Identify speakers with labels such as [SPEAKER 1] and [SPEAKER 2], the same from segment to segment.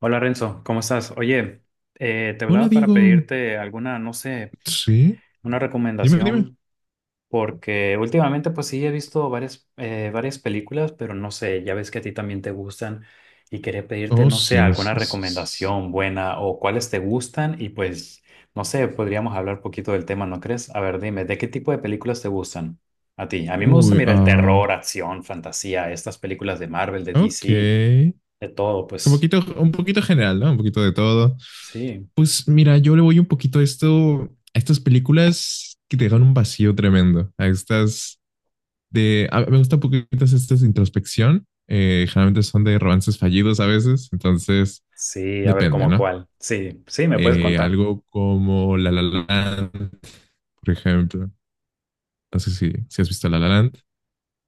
[SPEAKER 1] Hola Renzo, ¿cómo estás? Oye, te
[SPEAKER 2] Hola,
[SPEAKER 1] hablaba para
[SPEAKER 2] Diego.
[SPEAKER 1] pedirte alguna, no sé,
[SPEAKER 2] Sí,
[SPEAKER 1] una
[SPEAKER 2] dime.
[SPEAKER 1] recomendación, porque últimamente pues sí he visto varias, varias películas, pero no sé, ya ves que a ti también te gustan y quería pedirte,
[SPEAKER 2] Oh,
[SPEAKER 1] no sé,
[SPEAKER 2] sí,
[SPEAKER 1] alguna
[SPEAKER 2] sí, sí, sí, sí.
[SPEAKER 1] recomendación buena o cuáles te gustan y pues, no sé, podríamos hablar un poquito del tema, ¿no crees? A ver, dime, ¿de qué tipo de películas te gustan a ti? A mí me gusta,
[SPEAKER 2] Uy,
[SPEAKER 1] mira, el
[SPEAKER 2] ah,
[SPEAKER 1] terror, acción, fantasía, estas películas de Marvel, de DC,
[SPEAKER 2] ok.
[SPEAKER 1] de todo, pues
[SPEAKER 2] Un poquito general, ¿no? Un poquito de todo.
[SPEAKER 1] sí.
[SPEAKER 2] Pues mira, yo le voy un poquito a esto, a estas películas que te dejan un vacío tremendo. A estas me gustan un poquito estas de introspección. Generalmente son de romances fallidos a veces, entonces
[SPEAKER 1] Sí, a ver
[SPEAKER 2] depende,
[SPEAKER 1] cómo
[SPEAKER 2] ¿no?
[SPEAKER 1] cuál. Sí, sí, me puedes contar.
[SPEAKER 2] Algo como La La Land, por ejemplo. No sé si has visto La La Land, pero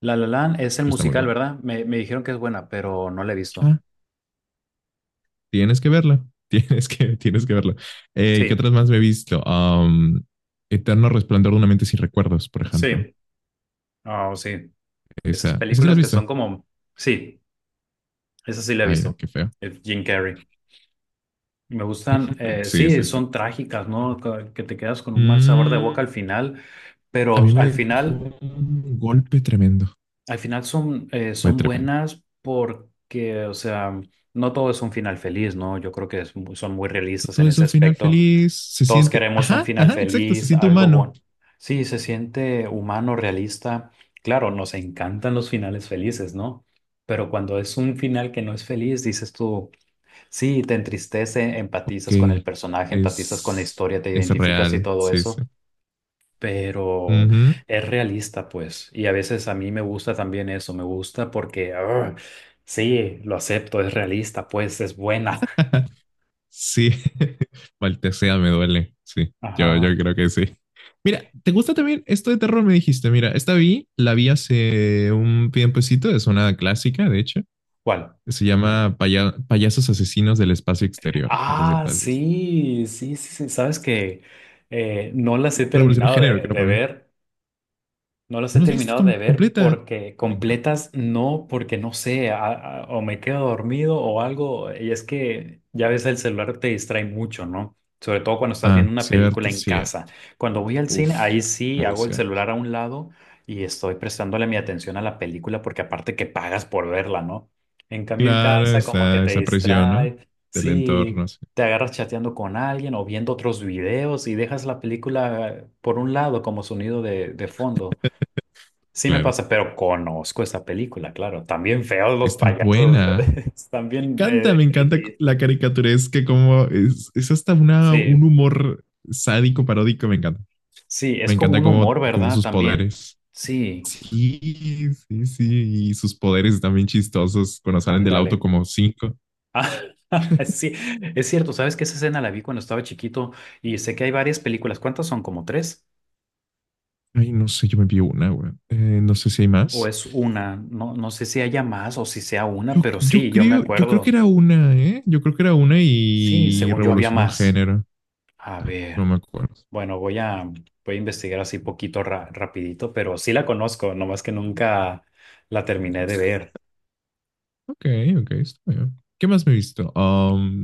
[SPEAKER 1] La La Land es el
[SPEAKER 2] está muy
[SPEAKER 1] musical,
[SPEAKER 2] bueno.
[SPEAKER 1] ¿verdad? Me dijeron que es buena, pero no la he visto.
[SPEAKER 2] Tienes que verla. Tienes que verla. ¿Qué
[SPEAKER 1] Sí,
[SPEAKER 2] otras más me he visto? Eterno Resplandor de una mente sin recuerdos, por ejemplo.
[SPEAKER 1] sí, oh, sí. Esas
[SPEAKER 2] Esa sí la has
[SPEAKER 1] películas que
[SPEAKER 2] visto.
[SPEAKER 1] son como, sí, esa sí la he
[SPEAKER 2] Ay, no,
[SPEAKER 1] visto.
[SPEAKER 2] qué feo.
[SPEAKER 1] Jim Carrey. Me gustan,
[SPEAKER 2] Sí,
[SPEAKER 1] sí,
[SPEAKER 2] sí, sí.
[SPEAKER 1] son trágicas, ¿no? Que te quedas con un mal sabor de boca
[SPEAKER 2] Mm,
[SPEAKER 1] al final,
[SPEAKER 2] a
[SPEAKER 1] pero
[SPEAKER 2] mí me dejó un golpe tremendo.
[SPEAKER 1] al final son,
[SPEAKER 2] Fue
[SPEAKER 1] son
[SPEAKER 2] tremendo.
[SPEAKER 1] buenas porque, o sea, no todo es un final feliz, ¿no? Yo creo que es son muy realistas
[SPEAKER 2] Todo
[SPEAKER 1] en ese
[SPEAKER 2] eso, final
[SPEAKER 1] aspecto.
[SPEAKER 2] feliz, se
[SPEAKER 1] Todos
[SPEAKER 2] siente,
[SPEAKER 1] queremos un
[SPEAKER 2] ajá,
[SPEAKER 1] final
[SPEAKER 2] ajá, exacto, se
[SPEAKER 1] feliz,
[SPEAKER 2] siente
[SPEAKER 1] algo
[SPEAKER 2] humano.
[SPEAKER 1] bueno. Sí, se siente humano, realista. Claro, nos encantan los finales felices, ¿no? Pero cuando es un final que no es feliz, dices tú, sí, te entristece,
[SPEAKER 2] Ok,
[SPEAKER 1] empatizas con el personaje, empatizas con la
[SPEAKER 2] es,
[SPEAKER 1] historia, te
[SPEAKER 2] es
[SPEAKER 1] identificas y
[SPEAKER 2] real,
[SPEAKER 1] todo
[SPEAKER 2] sí, sí.
[SPEAKER 1] eso,
[SPEAKER 2] Uh
[SPEAKER 1] pero
[SPEAKER 2] -huh.
[SPEAKER 1] es realista, pues. Y a veces a mí me gusta también eso, me gusta porque, ah, sí, lo acepto, es realista, pues, es buena.
[SPEAKER 2] Sí, Maltesea me duele. Sí, yo
[SPEAKER 1] Ajá.
[SPEAKER 2] creo que sí. Mira, ¿te gusta también esto de terror? Me dijiste, mira, esta vi, la vi hace un tiempecito, es una clásica, de hecho,
[SPEAKER 1] ¿Cuál?
[SPEAKER 2] que se llama Payasos Asesinos del Espacio Exterior. No sé si
[SPEAKER 1] Ah,
[SPEAKER 2] la has visto.
[SPEAKER 1] sí, sí, sí, sí. Sabes que no las he
[SPEAKER 2] Revolución de
[SPEAKER 1] terminado
[SPEAKER 2] género, creo
[SPEAKER 1] de
[SPEAKER 2] para mí.
[SPEAKER 1] ver. No los
[SPEAKER 2] ¿No
[SPEAKER 1] he
[SPEAKER 2] la has visto
[SPEAKER 1] terminado de ver
[SPEAKER 2] completa?
[SPEAKER 1] porque
[SPEAKER 2] Me encanta.
[SPEAKER 1] completas no, porque no sé, o me quedo dormido o algo. Y es que ya ves, el celular te distrae mucho, ¿no? Sobre todo cuando estás viendo
[SPEAKER 2] Ah,
[SPEAKER 1] una película
[SPEAKER 2] cierto,
[SPEAKER 1] en casa.
[SPEAKER 2] cierto.
[SPEAKER 1] Cuando voy al cine,
[SPEAKER 2] Uf,
[SPEAKER 1] ahí sí
[SPEAKER 2] muy
[SPEAKER 1] hago el
[SPEAKER 2] cierto.
[SPEAKER 1] celular a un lado y estoy prestándole mi atención a la película porque aparte que pagas por verla, ¿no? En cambio en
[SPEAKER 2] Claro,
[SPEAKER 1] casa como que te
[SPEAKER 2] esa presión, ¿no?
[SPEAKER 1] distrae,
[SPEAKER 2] Del
[SPEAKER 1] sí,
[SPEAKER 2] entorno, sí,
[SPEAKER 1] te agarras chateando con alguien o viendo otros videos y dejas la película por un lado como sonido de fondo. Sí me
[SPEAKER 2] claro.
[SPEAKER 1] pasa, pero conozco esa película, claro. También feos los
[SPEAKER 2] Está
[SPEAKER 1] payasos,
[SPEAKER 2] buena.
[SPEAKER 1] están bien
[SPEAKER 2] Encanta, me encanta
[SPEAKER 1] creepy.
[SPEAKER 2] la caricaturesca, como es hasta una, un
[SPEAKER 1] Sí,
[SPEAKER 2] humor sádico, paródico, me encanta.
[SPEAKER 1] sí, es
[SPEAKER 2] Me
[SPEAKER 1] como
[SPEAKER 2] encanta
[SPEAKER 1] un humor,
[SPEAKER 2] como
[SPEAKER 1] ¿verdad?
[SPEAKER 2] sus
[SPEAKER 1] También.
[SPEAKER 2] poderes.
[SPEAKER 1] Sí,
[SPEAKER 2] Sí, sí, sí, y sus poderes también chistosos cuando salen del auto
[SPEAKER 1] ándale.
[SPEAKER 2] como cinco.
[SPEAKER 1] Ah, sí, es cierto, ¿sabes que esa escena la vi cuando estaba chiquito y sé que hay varias películas. ¿Cuántas son? ¿Como tres?
[SPEAKER 2] Ay, no sé, yo me vi una, güey. No sé si hay
[SPEAKER 1] ¿O
[SPEAKER 2] más.
[SPEAKER 1] es una? No, no sé si haya más o si sea una,
[SPEAKER 2] Yo,
[SPEAKER 1] pero sí, yo me
[SPEAKER 2] yo creo que
[SPEAKER 1] acuerdo.
[SPEAKER 2] era una, ¿eh? Yo creo que era una
[SPEAKER 1] Sí,
[SPEAKER 2] y
[SPEAKER 1] según yo había
[SPEAKER 2] revolucionó un
[SPEAKER 1] más.
[SPEAKER 2] género.
[SPEAKER 1] A
[SPEAKER 2] Ah, no
[SPEAKER 1] ver.
[SPEAKER 2] me acuerdo.
[SPEAKER 1] Bueno, voy a investigar así poquito rapidito, pero sí la conozco, nomás que nunca la terminé de ver.
[SPEAKER 2] Ok, ok, está bien. ¿Qué más me he visto? Um,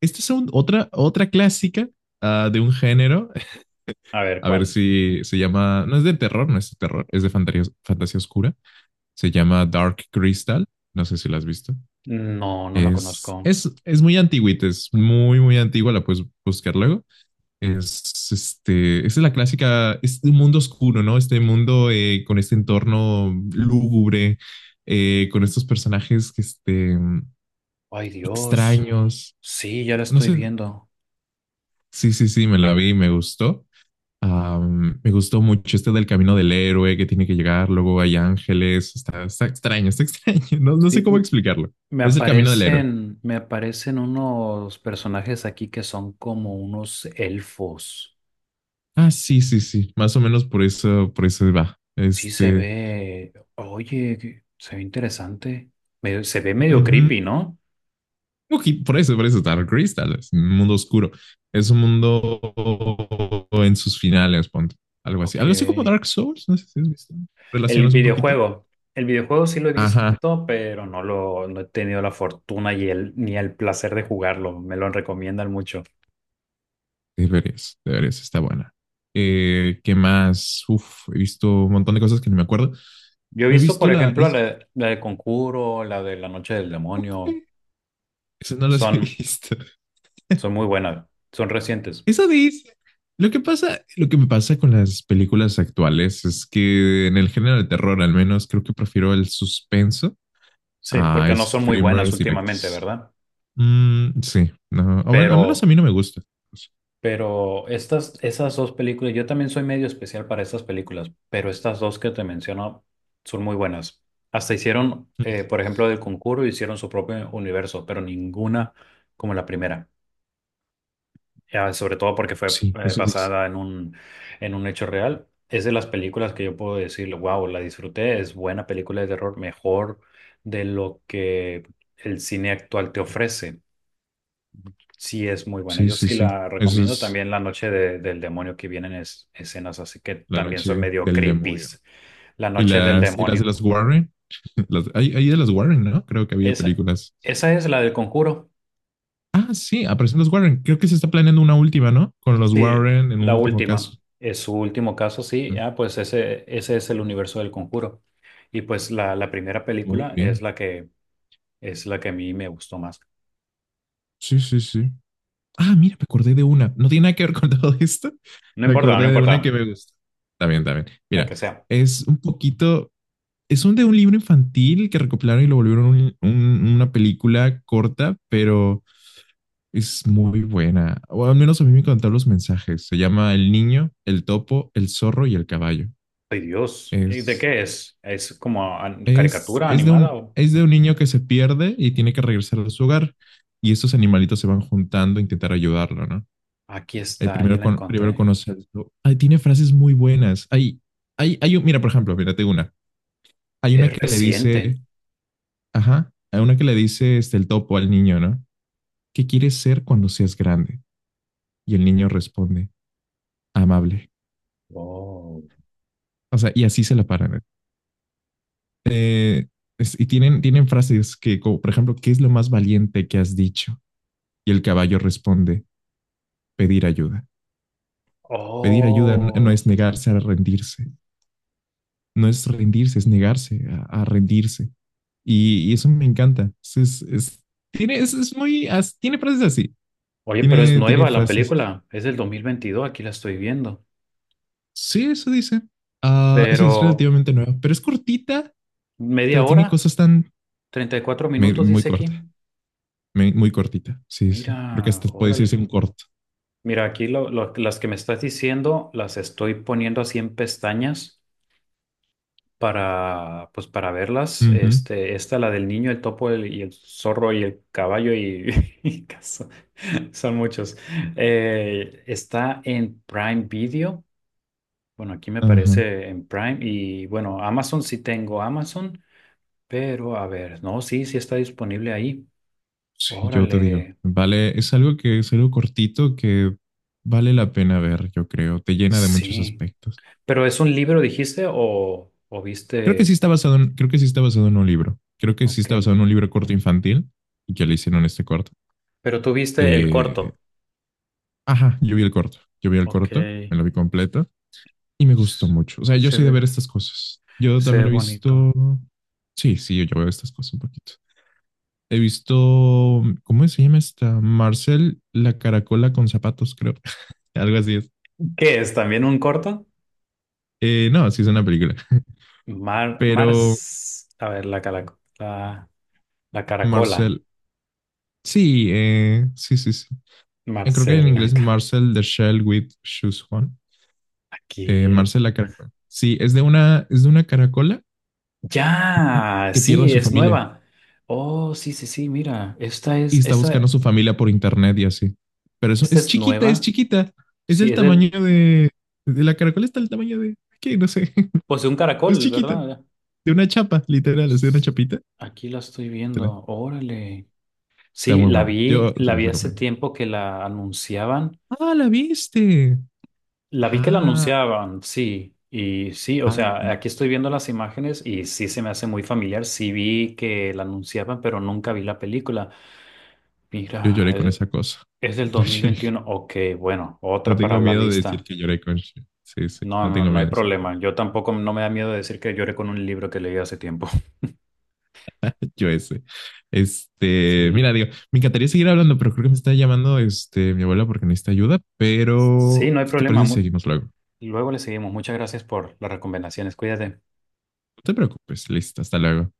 [SPEAKER 2] Esta es otra, otra clásica de un género.
[SPEAKER 1] A ver,
[SPEAKER 2] A ver
[SPEAKER 1] ¿cuál?
[SPEAKER 2] si se llama. No es de terror, no es de terror, es de fantasía, fantasía oscura. Se llama Dark Crystal. No sé si la has visto.
[SPEAKER 1] No, no la conozco.
[SPEAKER 2] Es muy antigüita, es muy, muy antigua. La puedes buscar luego. Esa es la clásica. Es un mundo oscuro, ¿no? Este mundo con este entorno lúgubre, con estos personajes que
[SPEAKER 1] Ay, Dios.
[SPEAKER 2] extraños.
[SPEAKER 1] Sí, ya la
[SPEAKER 2] No
[SPEAKER 1] estoy
[SPEAKER 2] sé.
[SPEAKER 1] viendo.
[SPEAKER 2] Sí, sí, sí, me la vi y me gustó. Me gustó mucho este del camino del héroe que tiene que llegar, luego hay ángeles, está extraño, está extraño, no, no
[SPEAKER 1] Sí,
[SPEAKER 2] sé cómo explicarlo. Es el camino del héroe.
[SPEAKER 1] me aparecen unos personajes aquí que son como unos elfos.
[SPEAKER 2] Ah, sí, sí, sí, más o menos por eso va.
[SPEAKER 1] Sí, se ve. Oye, se ve interesante. Se ve
[SPEAKER 2] Uh
[SPEAKER 1] medio
[SPEAKER 2] -huh.
[SPEAKER 1] creepy, ¿no?
[SPEAKER 2] Okay, por eso, Dark Crystal tal vez, un mundo oscuro. Es un mundo en sus finales, ponte, algo así.
[SPEAKER 1] Ok.
[SPEAKER 2] Algo así como Dark Souls, no sé si has visto.
[SPEAKER 1] El
[SPEAKER 2] Relacionas un poquito.
[SPEAKER 1] videojuego. El videojuego sí lo he
[SPEAKER 2] Ajá,
[SPEAKER 1] visto, pero no he tenido la fortuna y el, ni el placer de jugarlo. Me lo recomiendan mucho.
[SPEAKER 2] deberías, deberías, está buena. ¿Qué más? Uf, he visto un montón de cosas que no me acuerdo.
[SPEAKER 1] Yo he
[SPEAKER 2] Me he
[SPEAKER 1] visto,
[SPEAKER 2] visto
[SPEAKER 1] por ejemplo, la de Conjuro, la de La Noche del
[SPEAKER 2] ok,
[SPEAKER 1] Demonio.
[SPEAKER 2] esas no las he
[SPEAKER 1] Son,
[SPEAKER 2] visto.
[SPEAKER 1] son muy buenas. Son recientes.
[SPEAKER 2] Eso dice. Lo que me pasa con las películas actuales es que en el género de terror, al menos, creo que prefiero el suspenso
[SPEAKER 1] Sí,
[SPEAKER 2] a
[SPEAKER 1] porque no son muy buenas
[SPEAKER 2] screamers
[SPEAKER 1] últimamente,
[SPEAKER 2] directos.
[SPEAKER 1] ¿verdad?
[SPEAKER 2] Mm, sí, no, o bueno, al menos a
[SPEAKER 1] Pero
[SPEAKER 2] mí no me gusta.
[SPEAKER 1] Pero estas, esas dos películas, yo también soy medio especial para estas películas, pero estas dos que te menciono son muy buenas. Hasta hicieron, por ejemplo, del concurso, hicieron su propio universo, pero ninguna como la primera. Ya, sobre todo porque fue
[SPEAKER 2] Sí, eso dice.
[SPEAKER 1] basada en un hecho real. Es de las películas que yo puedo decir, wow, la disfruté, es buena película de terror, mejor de lo que el cine actual te ofrece. Sí, es muy buena.
[SPEAKER 2] Sí,
[SPEAKER 1] Yo
[SPEAKER 2] sí,
[SPEAKER 1] sí
[SPEAKER 2] sí.
[SPEAKER 1] la
[SPEAKER 2] Eso
[SPEAKER 1] recomiendo.
[SPEAKER 2] es
[SPEAKER 1] También La Noche del Demonio, que vienen escenas así que
[SPEAKER 2] la
[SPEAKER 1] también son
[SPEAKER 2] noche
[SPEAKER 1] medio
[SPEAKER 2] del demonio.
[SPEAKER 1] creepies. La Noche del
[SPEAKER 2] Y las de
[SPEAKER 1] Demonio.
[SPEAKER 2] las Warren. Hay de las Warren, ¿no? Creo que había
[SPEAKER 1] Esa,
[SPEAKER 2] películas.
[SPEAKER 1] esa es la del Conjuro.
[SPEAKER 2] Ah, sí, aparecen los Warren. Creo que se está planeando una última, ¿no? Con los
[SPEAKER 1] Sí,
[SPEAKER 2] Warren en un
[SPEAKER 1] la
[SPEAKER 2] último
[SPEAKER 1] última.
[SPEAKER 2] caso.
[SPEAKER 1] Es su último caso, sí.
[SPEAKER 2] ¿No?
[SPEAKER 1] Ah, pues ese es el universo del Conjuro. Y pues la primera
[SPEAKER 2] Muy
[SPEAKER 1] película
[SPEAKER 2] bien.
[SPEAKER 1] es la que a mí me gustó más.
[SPEAKER 2] Sí, sí, sí. Ah, mira, me acordé de una. No tiene nada que ver con todo esto.
[SPEAKER 1] No
[SPEAKER 2] Me
[SPEAKER 1] importa, no
[SPEAKER 2] acordé de
[SPEAKER 1] importa,
[SPEAKER 2] una que me gusta. Está bien, está bien.
[SPEAKER 1] la
[SPEAKER 2] Mira,
[SPEAKER 1] que sea.
[SPEAKER 2] es un poquito. Es un de un libro infantil que recopilaron y lo volvieron una película corta, pero es muy buena. O al menos a mí me encantaron los mensajes. Se llama El niño, el topo, el zorro y el caballo.
[SPEAKER 1] Ay, Dios. ¿Y ¿De
[SPEAKER 2] Es,
[SPEAKER 1] qué es? ¿Es como caricatura animada o...?
[SPEAKER 2] es de un niño que se pierde y tiene que regresar a su hogar. Y estos animalitos se van juntando a intentar ayudarlo, ¿no?
[SPEAKER 1] Aquí está, ya la
[SPEAKER 2] Primero
[SPEAKER 1] encontré.
[SPEAKER 2] conoce al Ay, tiene frases muy buenas. Hay un, mira, por ejemplo, mírate una. Hay una
[SPEAKER 1] Es
[SPEAKER 2] que le
[SPEAKER 1] reciente.
[SPEAKER 2] dice, ajá, hay una que le dice el topo al niño, ¿no? ¿Qué quieres ser cuando seas grande? Y el niño responde, amable.
[SPEAKER 1] Oh,
[SPEAKER 2] O sea, y así se la paran. Eh, y tienen frases que, como, por ejemplo, ¿qué es lo más valiente que has dicho? Y el caballo responde, pedir ayuda. Pedir ayuda no es
[SPEAKER 1] Oh.
[SPEAKER 2] negarse a rendirse. No es rendirse, es negarse a rendirse. Y eso me encanta. Es muy, tiene frases así.
[SPEAKER 1] Oye, pero es
[SPEAKER 2] Tiene
[SPEAKER 1] nueva la
[SPEAKER 2] frases.
[SPEAKER 1] película. Es del 2022. Aquí la estoy viendo.
[SPEAKER 2] Sí, eso dice. Ah, sí, es
[SPEAKER 1] Pero
[SPEAKER 2] relativamente nueva, pero es cortita,
[SPEAKER 1] media
[SPEAKER 2] pero tiene
[SPEAKER 1] hora,
[SPEAKER 2] cosas tan
[SPEAKER 1] 34 minutos
[SPEAKER 2] muy
[SPEAKER 1] dice aquí.
[SPEAKER 2] corta, muy cortita. Sí, sí. Creo que
[SPEAKER 1] Mira,
[SPEAKER 2] hasta puede
[SPEAKER 1] órale.
[SPEAKER 2] decirse un corto.
[SPEAKER 1] Mira, aquí las que me estás diciendo las estoy poniendo así en pestañas para, pues para verlas.
[SPEAKER 2] Ujú,
[SPEAKER 1] Este, esta, la del niño, el topo, y el zorro y el caballo y, y son muchos. Está en Prime Video Bueno, aquí me
[SPEAKER 2] ajá.
[SPEAKER 1] parece en Prime y bueno, Amazon sí tengo Amazon, pero a ver, no, sí, sí está disponible ahí.
[SPEAKER 2] Sí, yo te digo,
[SPEAKER 1] Órale,
[SPEAKER 2] vale, es algo que es algo cortito que vale la pena ver, yo creo, te llena de muchos
[SPEAKER 1] sí.
[SPEAKER 2] aspectos.
[SPEAKER 1] Pero es un libro, dijiste, o
[SPEAKER 2] Creo que sí
[SPEAKER 1] viste,
[SPEAKER 2] está basado en, creo que sí está basado en un libro. Creo que sí está
[SPEAKER 1] ok.
[SPEAKER 2] basado en un libro corto infantil y que le hicieron este corto.
[SPEAKER 1] Pero tú viste el
[SPEAKER 2] Eh,
[SPEAKER 1] corto.
[SPEAKER 2] ajá, yo vi el
[SPEAKER 1] Ok,
[SPEAKER 2] corto, me lo vi completo y me gustó mucho. O sea, yo
[SPEAKER 1] se
[SPEAKER 2] soy de
[SPEAKER 1] ve,
[SPEAKER 2] ver estas cosas. Yo
[SPEAKER 1] se ve
[SPEAKER 2] también he
[SPEAKER 1] bonito.
[SPEAKER 2] visto, sí, sí, yo veo estas cosas un poquito. He visto, ¿cómo se llama esta? Marcel, la caracola con zapatos, creo. Algo así es.
[SPEAKER 1] ¿Qué es? ¿También un corto?
[SPEAKER 2] No, sí es una película.
[SPEAKER 1] Mar,
[SPEAKER 2] Pero
[SPEAKER 1] Mars, a ver, la, la caracola.
[SPEAKER 2] Marcel, sí, sí, sí, sí. Creo que en
[SPEAKER 1] Marcela,
[SPEAKER 2] inglés Marcel the Shell with Shoes On.
[SPEAKER 1] aquí.
[SPEAKER 2] Marcel la caracola. Sí, es de una caracola
[SPEAKER 1] Ya,
[SPEAKER 2] que pierde a
[SPEAKER 1] sí,
[SPEAKER 2] su
[SPEAKER 1] es
[SPEAKER 2] familia
[SPEAKER 1] nueva. Oh, sí, sí, sí, mira, esta
[SPEAKER 2] y
[SPEAKER 1] es,
[SPEAKER 2] está buscando a
[SPEAKER 1] esta,
[SPEAKER 2] su familia por internet y así. Pero eso
[SPEAKER 1] esta
[SPEAKER 2] es
[SPEAKER 1] es
[SPEAKER 2] chiquita, es
[SPEAKER 1] nueva.
[SPEAKER 2] chiquita. Es
[SPEAKER 1] Sí,
[SPEAKER 2] del
[SPEAKER 1] es
[SPEAKER 2] tamaño
[SPEAKER 1] del,
[SPEAKER 2] de la caracola está del tamaño de, ¿qué? No sé.
[SPEAKER 1] pues de un
[SPEAKER 2] Es
[SPEAKER 1] caracol,
[SPEAKER 2] chiquita.
[SPEAKER 1] ¿verdad?
[SPEAKER 2] De una chapa, literal, es de una
[SPEAKER 1] S-
[SPEAKER 2] chapita.
[SPEAKER 1] Aquí la estoy
[SPEAKER 2] Literal.
[SPEAKER 1] viendo. Órale.
[SPEAKER 2] Está
[SPEAKER 1] Sí,
[SPEAKER 2] muy buena. Yo te
[SPEAKER 1] la
[SPEAKER 2] la
[SPEAKER 1] vi hace
[SPEAKER 2] recomiendo.
[SPEAKER 1] tiempo que la anunciaban.
[SPEAKER 2] Ah, la viste.
[SPEAKER 1] La vi que la
[SPEAKER 2] Ah,
[SPEAKER 1] anunciaban, sí. Y sí, o
[SPEAKER 2] ah,
[SPEAKER 1] sea,
[SPEAKER 2] no.
[SPEAKER 1] aquí estoy viendo las imágenes y sí se me hace muy familiar. Sí vi que la anunciaban, pero nunca vi la película.
[SPEAKER 2] Yo
[SPEAKER 1] Mira,
[SPEAKER 2] lloré con esa cosa.
[SPEAKER 1] es del
[SPEAKER 2] Yo
[SPEAKER 1] dos mil
[SPEAKER 2] lloré.
[SPEAKER 1] veintiuno. Ok, bueno,
[SPEAKER 2] No
[SPEAKER 1] otra para
[SPEAKER 2] tengo
[SPEAKER 1] la
[SPEAKER 2] miedo de decir
[SPEAKER 1] lista.
[SPEAKER 2] que lloré con. Sí, sí,
[SPEAKER 1] No,
[SPEAKER 2] no
[SPEAKER 1] no,
[SPEAKER 2] tengo
[SPEAKER 1] no
[SPEAKER 2] miedo
[SPEAKER 1] hay
[SPEAKER 2] de decir.
[SPEAKER 1] problema. Yo tampoco no me da miedo decir que lloré con un libro que leí hace tiempo.
[SPEAKER 2] Que yo ese.
[SPEAKER 1] Sí,
[SPEAKER 2] Mira, digo, me encantaría seguir hablando, pero creo que me está llamando mi abuela porque necesita ayuda,
[SPEAKER 1] sí,
[SPEAKER 2] pero
[SPEAKER 1] no hay
[SPEAKER 2] ¿qué te
[SPEAKER 1] problema.
[SPEAKER 2] parece si seguimos luego? No
[SPEAKER 1] Luego le seguimos. Muchas gracias por las recomendaciones. Cuídate.
[SPEAKER 2] te preocupes, listo, hasta luego.